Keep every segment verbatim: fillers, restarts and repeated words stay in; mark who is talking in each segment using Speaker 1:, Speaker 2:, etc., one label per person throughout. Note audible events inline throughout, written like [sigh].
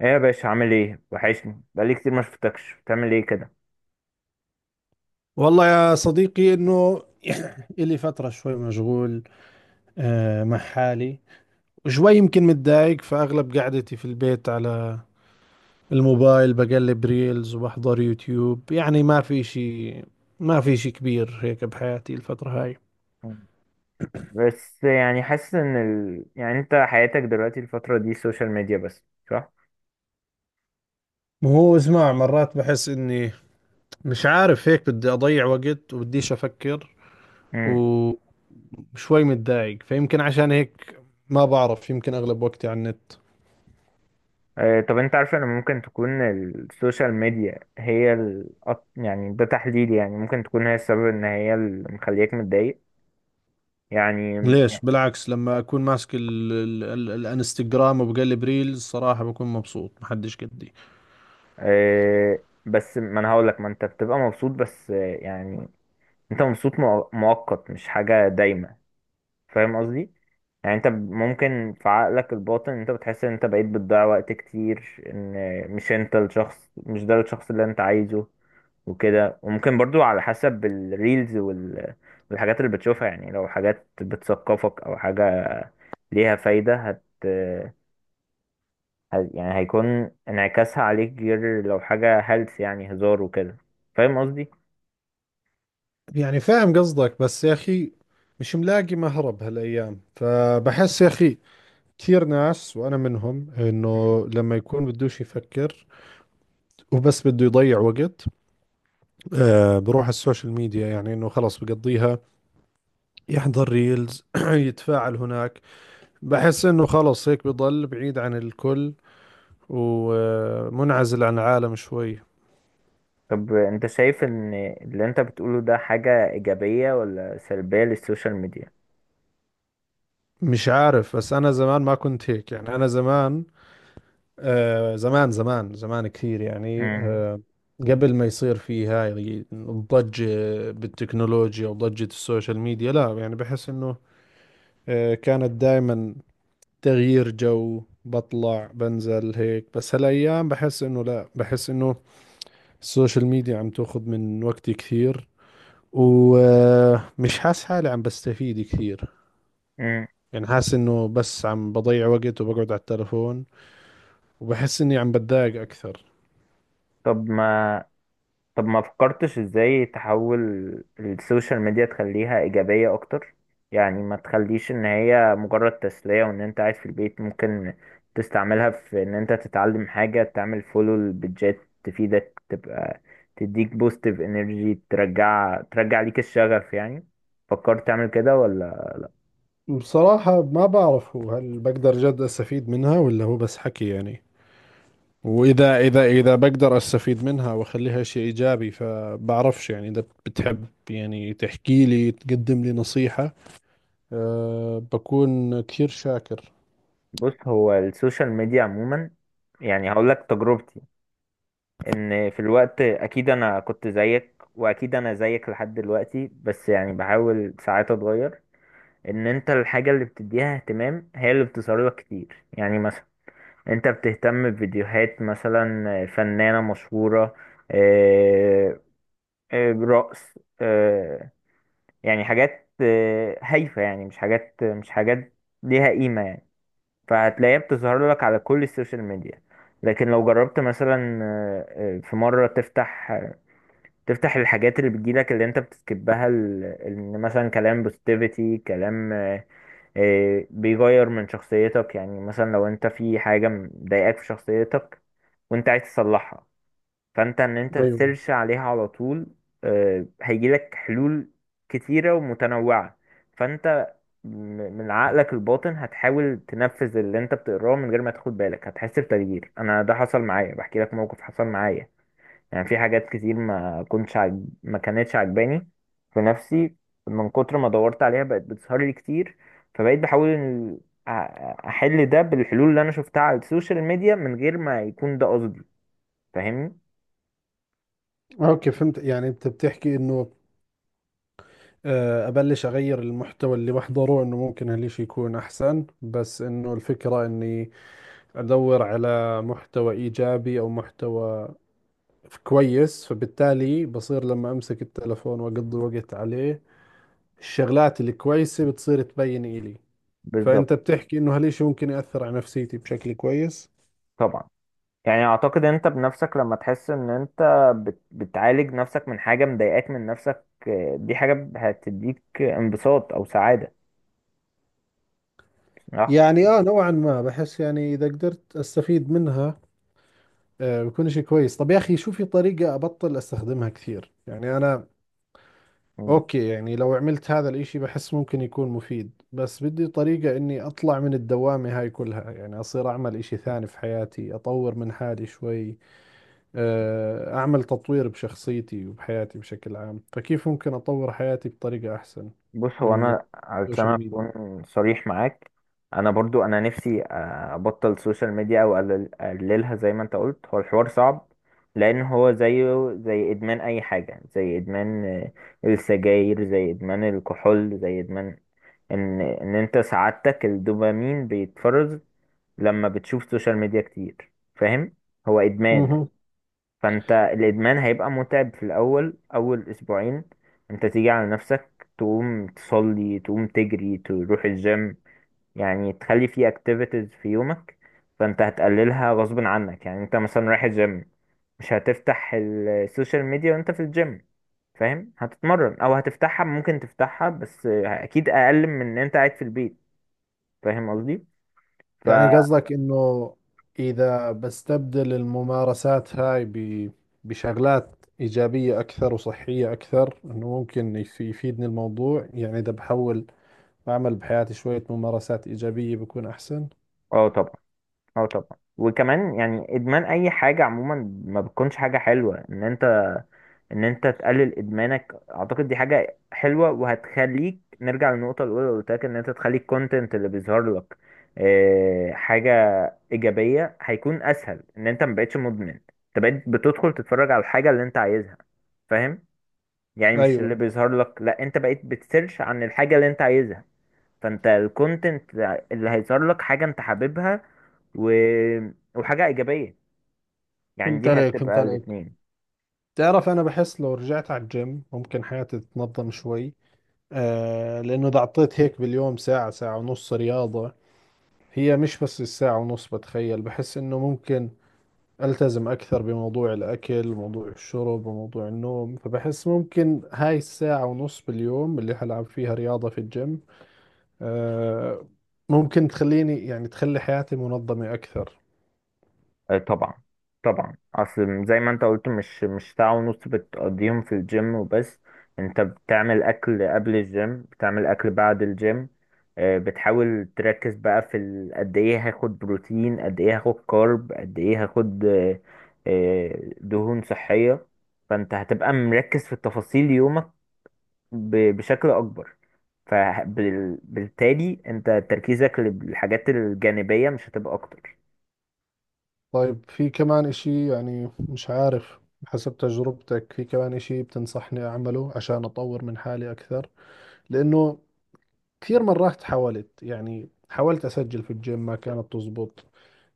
Speaker 1: ايه يا باشا، عامل ايه؟ وحشني، بقالي كتير ما شفتكش. بتعمل ايه كده؟
Speaker 2: والله يا صديقي انه [clears throat] الي فترة شوي مشغول آه، مع حالي. وشوي يمكن متضايق، فاغلب قعدتي في البيت على الموبايل بقلب ريلز وبحضر يوتيوب. يعني ما في شيء، ما في شيء كبير هيك بحياتي الفترة هاي.
Speaker 1: بس يعني حاسس ان ال... يعني انت حياتك دلوقتي الفترة دي سوشيال ميديا بس، صح؟
Speaker 2: ما هو اسمع، مرات بحس اني مش عارف هيك، بدي اضيع وقت وبديش افكر
Speaker 1: امم
Speaker 2: وشوي متضايق، فيمكن عشان هيك ما بعرف، يمكن اغلب وقتي على النت.
Speaker 1: آه. طب انت عارف ان ممكن تكون السوشيال ميديا هي ال... أك- يعني ده تحليلي، يعني ممكن تكون هي السبب، ان هي اللي مخليك متضايق يعني.
Speaker 2: ليش؟ بالعكس، لما اكون ماسك ال ال ال الانستغرام وبقلب ريلز صراحة بكون مبسوط محدش قدي.
Speaker 1: آه بس ما انا هقولك، ما انت بتبقى مبسوط بس، آه، يعني انت مبسوط مؤ- مؤقت، مش حاجة دايمة. فاهم قصدي؟ يعني انت ممكن في عقلك الباطن انت بتحس ان انت بقيت بتضيع وقت كتير، ان مش انت الشخص مش ده الشخص اللي انت عايزه وكده. وممكن برضو على حسب الريلز وال... والحاجات اللي بتشوفها، يعني لو حاجات بتثقفك او حاجة ليها فايدة هت... هت... يعني هيكون انعكاسها عليك غير لو حاجة هلس يعني هزار وكده. فاهم قصدي؟
Speaker 2: يعني فاهم قصدك بس يا أخي مش ملاقي مهرب هالأيام. فبحس يا أخي كثير ناس وأنا منهم،
Speaker 1: مم.
Speaker 2: إنه لما يكون بدوش يفكر وبس بده يضيع وقت، آه بروح على السوشيال ميديا. يعني إنه خلص بقضيها، يحضر ريلز [clears throat] يتفاعل هناك. بحس إنه خلص هيك بضل بعيد عن الكل ومنعزل عن العالم شوي.
Speaker 1: طب انت شايف ان اللي انت بتقوله ده حاجة ايجابية ولا سلبية للسوشيال ميديا؟
Speaker 2: مش عارف، بس انا زمان ما كنت هيك. يعني انا زمان، آه زمان زمان زمان كثير يعني
Speaker 1: مم.
Speaker 2: آه قبل ما يصير في هاي الضجة بالتكنولوجيا وضجة السوشيال ميديا، لا يعني بحس انه آه كانت دائما تغيير جو، بطلع بنزل هيك. بس هالايام بحس انه لا، بحس انه السوشيال ميديا عم تاخذ من وقتي كثير، ومش حاسس حالي عم بستفيد كثير.
Speaker 1: مم.
Speaker 2: يعني حاسس انه بس عم بضيع وقت وبقعد على التلفون، وبحس إني عم بتضايق أكثر.
Speaker 1: طب ما طب ما فكرتش ازاي تحول السوشيال ميديا، تخليها ايجابية اكتر؟ يعني ما تخليش ان هي مجرد تسلية، وان انت قاعد في البيت ممكن تستعملها في ان انت تتعلم حاجة، تعمل فولو لبيدجات تفيدك، تبقى تديك بوستيف انرجي، ترجع ترجع ليك الشغف يعني. فكرت تعمل كده ولا؟
Speaker 2: بصراحة ما بعرف، هو هل بقدر جد أستفيد منها، ولا هو بس حكي؟ يعني وإذا إذا إذا بقدر أستفيد منها وأخليها شيء إيجابي فبعرفش. يعني إذا بتحب يعني تحكي لي تقدم لي نصيحة أه بكون كثير شاكر.
Speaker 1: بص، هو السوشيال ميديا عموما، يعني هقول لك تجربتي، ان في الوقت اكيد انا كنت زيك، واكيد انا زيك لحد دلوقتي، بس يعني بحاول ساعات اتغير. ان انت الحاجة اللي بتديها اهتمام هي اللي بتصاريها كتير. يعني مثلا انت بتهتم بفيديوهات مثلا فنانة مشهورة، آه، آه، رقص، آه، يعني حاجات آه، هايفة، يعني مش حاجات مش حاجات ليها قيمة يعني. فهتلاقيها بتظهر لك على كل السوشيال ميديا. لكن لو جربت مثلا آه، آه، في مرة تفتح تفتح الحاجات اللي بتجيلك، اللي انت بتسكبها، ال- ال- مثلا كلام بوستيفيتي، كلام آه، آه، بيغير من شخصيتك. يعني مثلا لو انت في حاجة مضايقاك في شخصيتك وانت عايز تصلحها، فانت ان انت
Speaker 2: ايوه.
Speaker 1: تسيرش عليها على طول، آه، هيجيلك حلول كتيرة ومتنوعة. فانت م- من عقلك الباطن هتحاول تنفذ اللي انت بتقراه من غير ما تاخد بالك، هتحس بتغيير. انا ده حصل معايا، بحكي لك موقف حصل معايا. يعني في حاجات كتير ما كنتش عجب... ما كانتش عجباني في نفسي، من كتر ما دورت عليها بقت بتظهر لي كتير. فبقيت بحاول إن أ- احل ده بالحلول اللي انا شفتها على السوشيال ميديا من غير ما يكون ده قصدي. فاهمني؟
Speaker 2: اوكي، فهمت. يعني انت بتحكي انه، آه، ابلش اغير المحتوى اللي بحضره، انه ممكن هالشي يكون احسن. بس انه الفكرة اني ادور على محتوى ايجابي او محتوى كويس، فبالتالي بصير لما امسك التلفون واقضي وقت عليه الشغلات الكويسة بتصير تبين إلي.
Speaker 1: بالظبط.
Speaker 2: فأنت بتحكي إنه هالإشي ممكن يأثر على نفسيتي بشكل كويس.
Speaker 1: طبعا، يعني اعتقد انت بنفسك لما تحس ان انت بت... بتعالج نفسك من حاجة مضايقاك من نفسك، آه، دي حاجة هتديك انبساط او سعادة، صح؟
Speaker 2: يعني آه نوعا ما بحس، يعني إذا قدرت أستفيد منها آه بكون إشي كويس. طب يا أخي شو في طريقة أبطل أستخدمها كثير؟ يعني أنا أوكي، يعني لو عملت هذا الإشي بحس ممكن يكون مفيد. بس بدي طريقة إني أطلع من الدوامة هاي كلها، يعني أصير أعمل إشي ثاني في حياتي، أطور من حالي شوي. آه، أعمل تطوير بشخصيتي وبحياتي بشكل عام. فكيف ممكن أطور حياتي بطريقة أحسن
Speaker 1: بص، هو
Speaker 2: من
Speaker 1: انا علشان
Speaker 2: السوشيال ميديا؟
Speaker 1: اكون صريح معاك، انا برضو انا نفسي آه، ابطل السوشيال ميديا او أقلل- اقللها زي ما انت قلت. هو الحوار صعب، لان هو زيه زي ادمان اي حاجة، زي ادمان آه، السجاير، زي ادمان الكحول، زي ادمان ان ان انت سعادتك الدوبامين بيتفرز لما بتشوف سوشيال ميديا كتير. فاهم؟ هو ادمان.
Speaker 2: مهم.
Speaker 1: فانت الادمان هيبقى متعب في الاول، اول اسبوعين. انت تيجي على نفسك، تقوم تصلي، تقوم تجري، تروح الجيم، يعني تخلي فيه اكتيفيتيز في يومك. فانت هتقللها غصب عنك. يعني انت مثلا رايح الجيم، مش هتفتح السوشيال ميديا وانت في الجيم، فاهم؟ هتتمرن. او هتفتحها، ممكن تفتحها، بس اكيد اقل من ان انت قاعد في البيت. فاهم قصدي؟ ف
Speaker 2: يعني قصدك إنه إذا بستبدل الممارسات هاي ب- بشغلات إيجابية أكثر وصحية أكثر، إنه ممكن يف- يفيدني الموضوع. يعني إذا بحاول أعمل بحياتي شوية ممارسات إيجابية بكون أحسن.
Speaker 1: اه طبعا. اه طبعا. وكمان يعني ادمان اي حاجه عموما ما بتكونش حاجه حلوه. ان انت ان انت تقلل ادمانك اعتقد دي حاجة حلوة، وهتخليك نرجع للنقطة الاولى اللي قلت لك، ان انت تخلي الكونتنت اللي بيظهر لك آه، حاجة ايجابية. هيكون اسهل ان انت مبقتش مدمن، انت بقيت بتدخل تتفرج على الحاجة اللي انت عايزها. فاهم؟ يعني مش اللي
Speaker 2: أيوة.
Speaker 1: بيظهر لك، لا انت بقيت بتسيرش عن الحاجة اللي انت عايزها. فانت الكونتنت اللي هيظهر لك حاجة انت حاببها و... وحاجة ايجابية، يعني
Speaker 2: فهمت
Speaker 1: دي
Speaker 2: عليك، فهمت
Speaker 1: هتبقى
Speaker 2: عليك.
Speaker 1: الاتنين.
Speaker 2: تعرف أنا بحس لو رجعت على الجيم ممكن حياتي تتنظم شوي، آه لأنه إذا عطيت هيك باليوم ساعة ساعة ونص رياضة، هي مش بس الساعة ونص بتخيل، بحس إنه ممكن ألتزم أكثر بموضوع الأكل وموضوع الشرب وموضوع النوم. فبحس ممكن هاي الساعة ونص باليوم اللي حلعب فيها رياضة في الجيم آه ممكن تخليني، يعني تخلي حياتي منظمة أكثر.
Speaker 1: آه، طبعا. طبعا، اصل زي ما انت قلت، مش مش ساعة ونص بتقضيهم في الجيم وبس، انت بتعمل اكل قبل الجيم، بتعمل اكل بعد الجيم، آه، بتحاول تركز بقى في ال- قد ايه هاخد بروتين، قد ايه هاخد كارب، قد ايه هاخد آه، آه، دهون صحية. فانت هتبقى مركز في تفاصيل يومك ب- بشكل اكبر، فبالتالي انت تركيزك للحاجات الجانبية مش هتبقى اكتر.
Speaker 2: طيب في كمان إشي؟ يعني مش عارف، حسب تجربتك في كمان إشي بتنصحني أعمله عشان أطور من حالي أكثر؟ لأنه كثير مرات حاولت، يعني حاولت أسجل في الجيم ما كانت تزبط،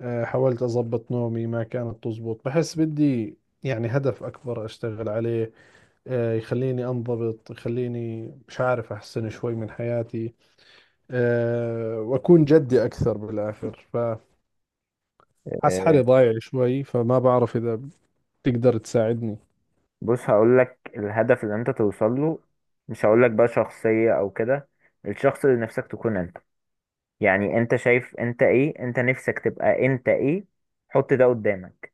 Speaker 2: آه، حاولت أضبط نومي ما كانت تزبط. بحس بدي يعني هدف أكبر أشتغل عليه، آه، يخليني أنضبط، يخليني مش عارف أحسن شوي من حياتي، آه، وأكون جدي أكثر بالآخر. فحس حالي
Speaker 1: آه،
Speaker 2: ضايع شوي، فما بعرف إذا تقدر تساعدني.
Speaker 1: بص، هقول لك الهدف اللي انت توصل له، مش هقول لك بقى شخصية او كده، الشخص اللي نفسك تكون انت. يعني انت شايف انت ايه؟ انت نفسك تبقى انت ايه؟ حط ده قدامك،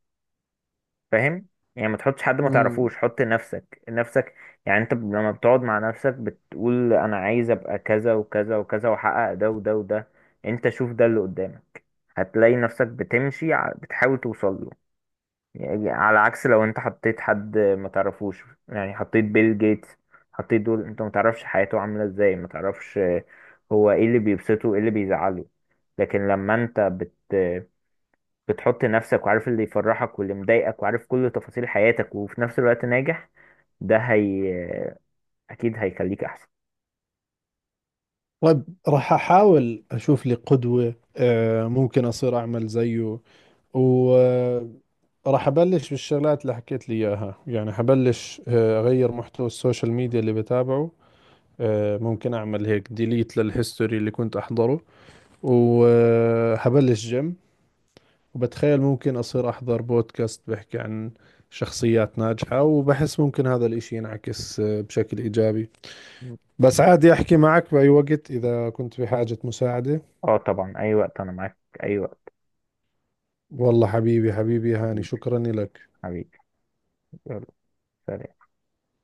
Speaker 1: فاهم؟ يعني ما تحطش حد ما
Speaker 2: مم.
Speaker 1: تعرفوش، حط نفسك نفسك. يعني انت لما بتقعد مع نفسك بتقول انا عايز ابقى كذا وكذا وكذا، واحقق ده وده وده، انت شوف ده اللي قدامك، هتلاقي نفسك بتمشي ع- بتحاول توصل له. يعني على عكس لو انت حطيت حد ما تعرفوش، يعني حطيت بيل جيتس، حطيت دول انت ما تعرفش حياته عاملة ازاي، ما تعرفش هو ايه اللي بيبسطه ايه اللي بيزعله. لكن لما انت بت بتحط نفسك وعارف اللي يفرحك واللي مضايقك، وعارف كل تفاصيل حياتك وفي نفس الوقت ناجح، ده هي اكيد هيخليك احسن.
Speaker 2: طيب راح أحاول أشوف لي قدوة، آه، ممكن أصير أعمل زيه. وراح أبلش بالشغلات اللي حكيت لي إياها. يعني حبلش آه، أغير محتوى السوشيال ميديا اللي بتابعه، آه، ممكن أعمل هيك ديليت للهيستوري اللي كنت أحضره، وحبلش جيم. وبتخيل ممكن أصير أحضر بودكاست بحكي عن شخصيات ناجحة، وبحس ممكن هذا الإشي ينعكس آه، بشكل إيجابي. بس عادي أحكي معك بأي وقت إذا كنت بحاجة مساعدة.
Speaker 1: اه طبعا، اي وقت، انا معاك اي وقت.
Speaker 2: والله حبيبي، حبيبي هاني،
Speaker 1: حبيبي،
Speaker 2: شكرا لك.
Speaker 1: حبيبي. يلا، سلام.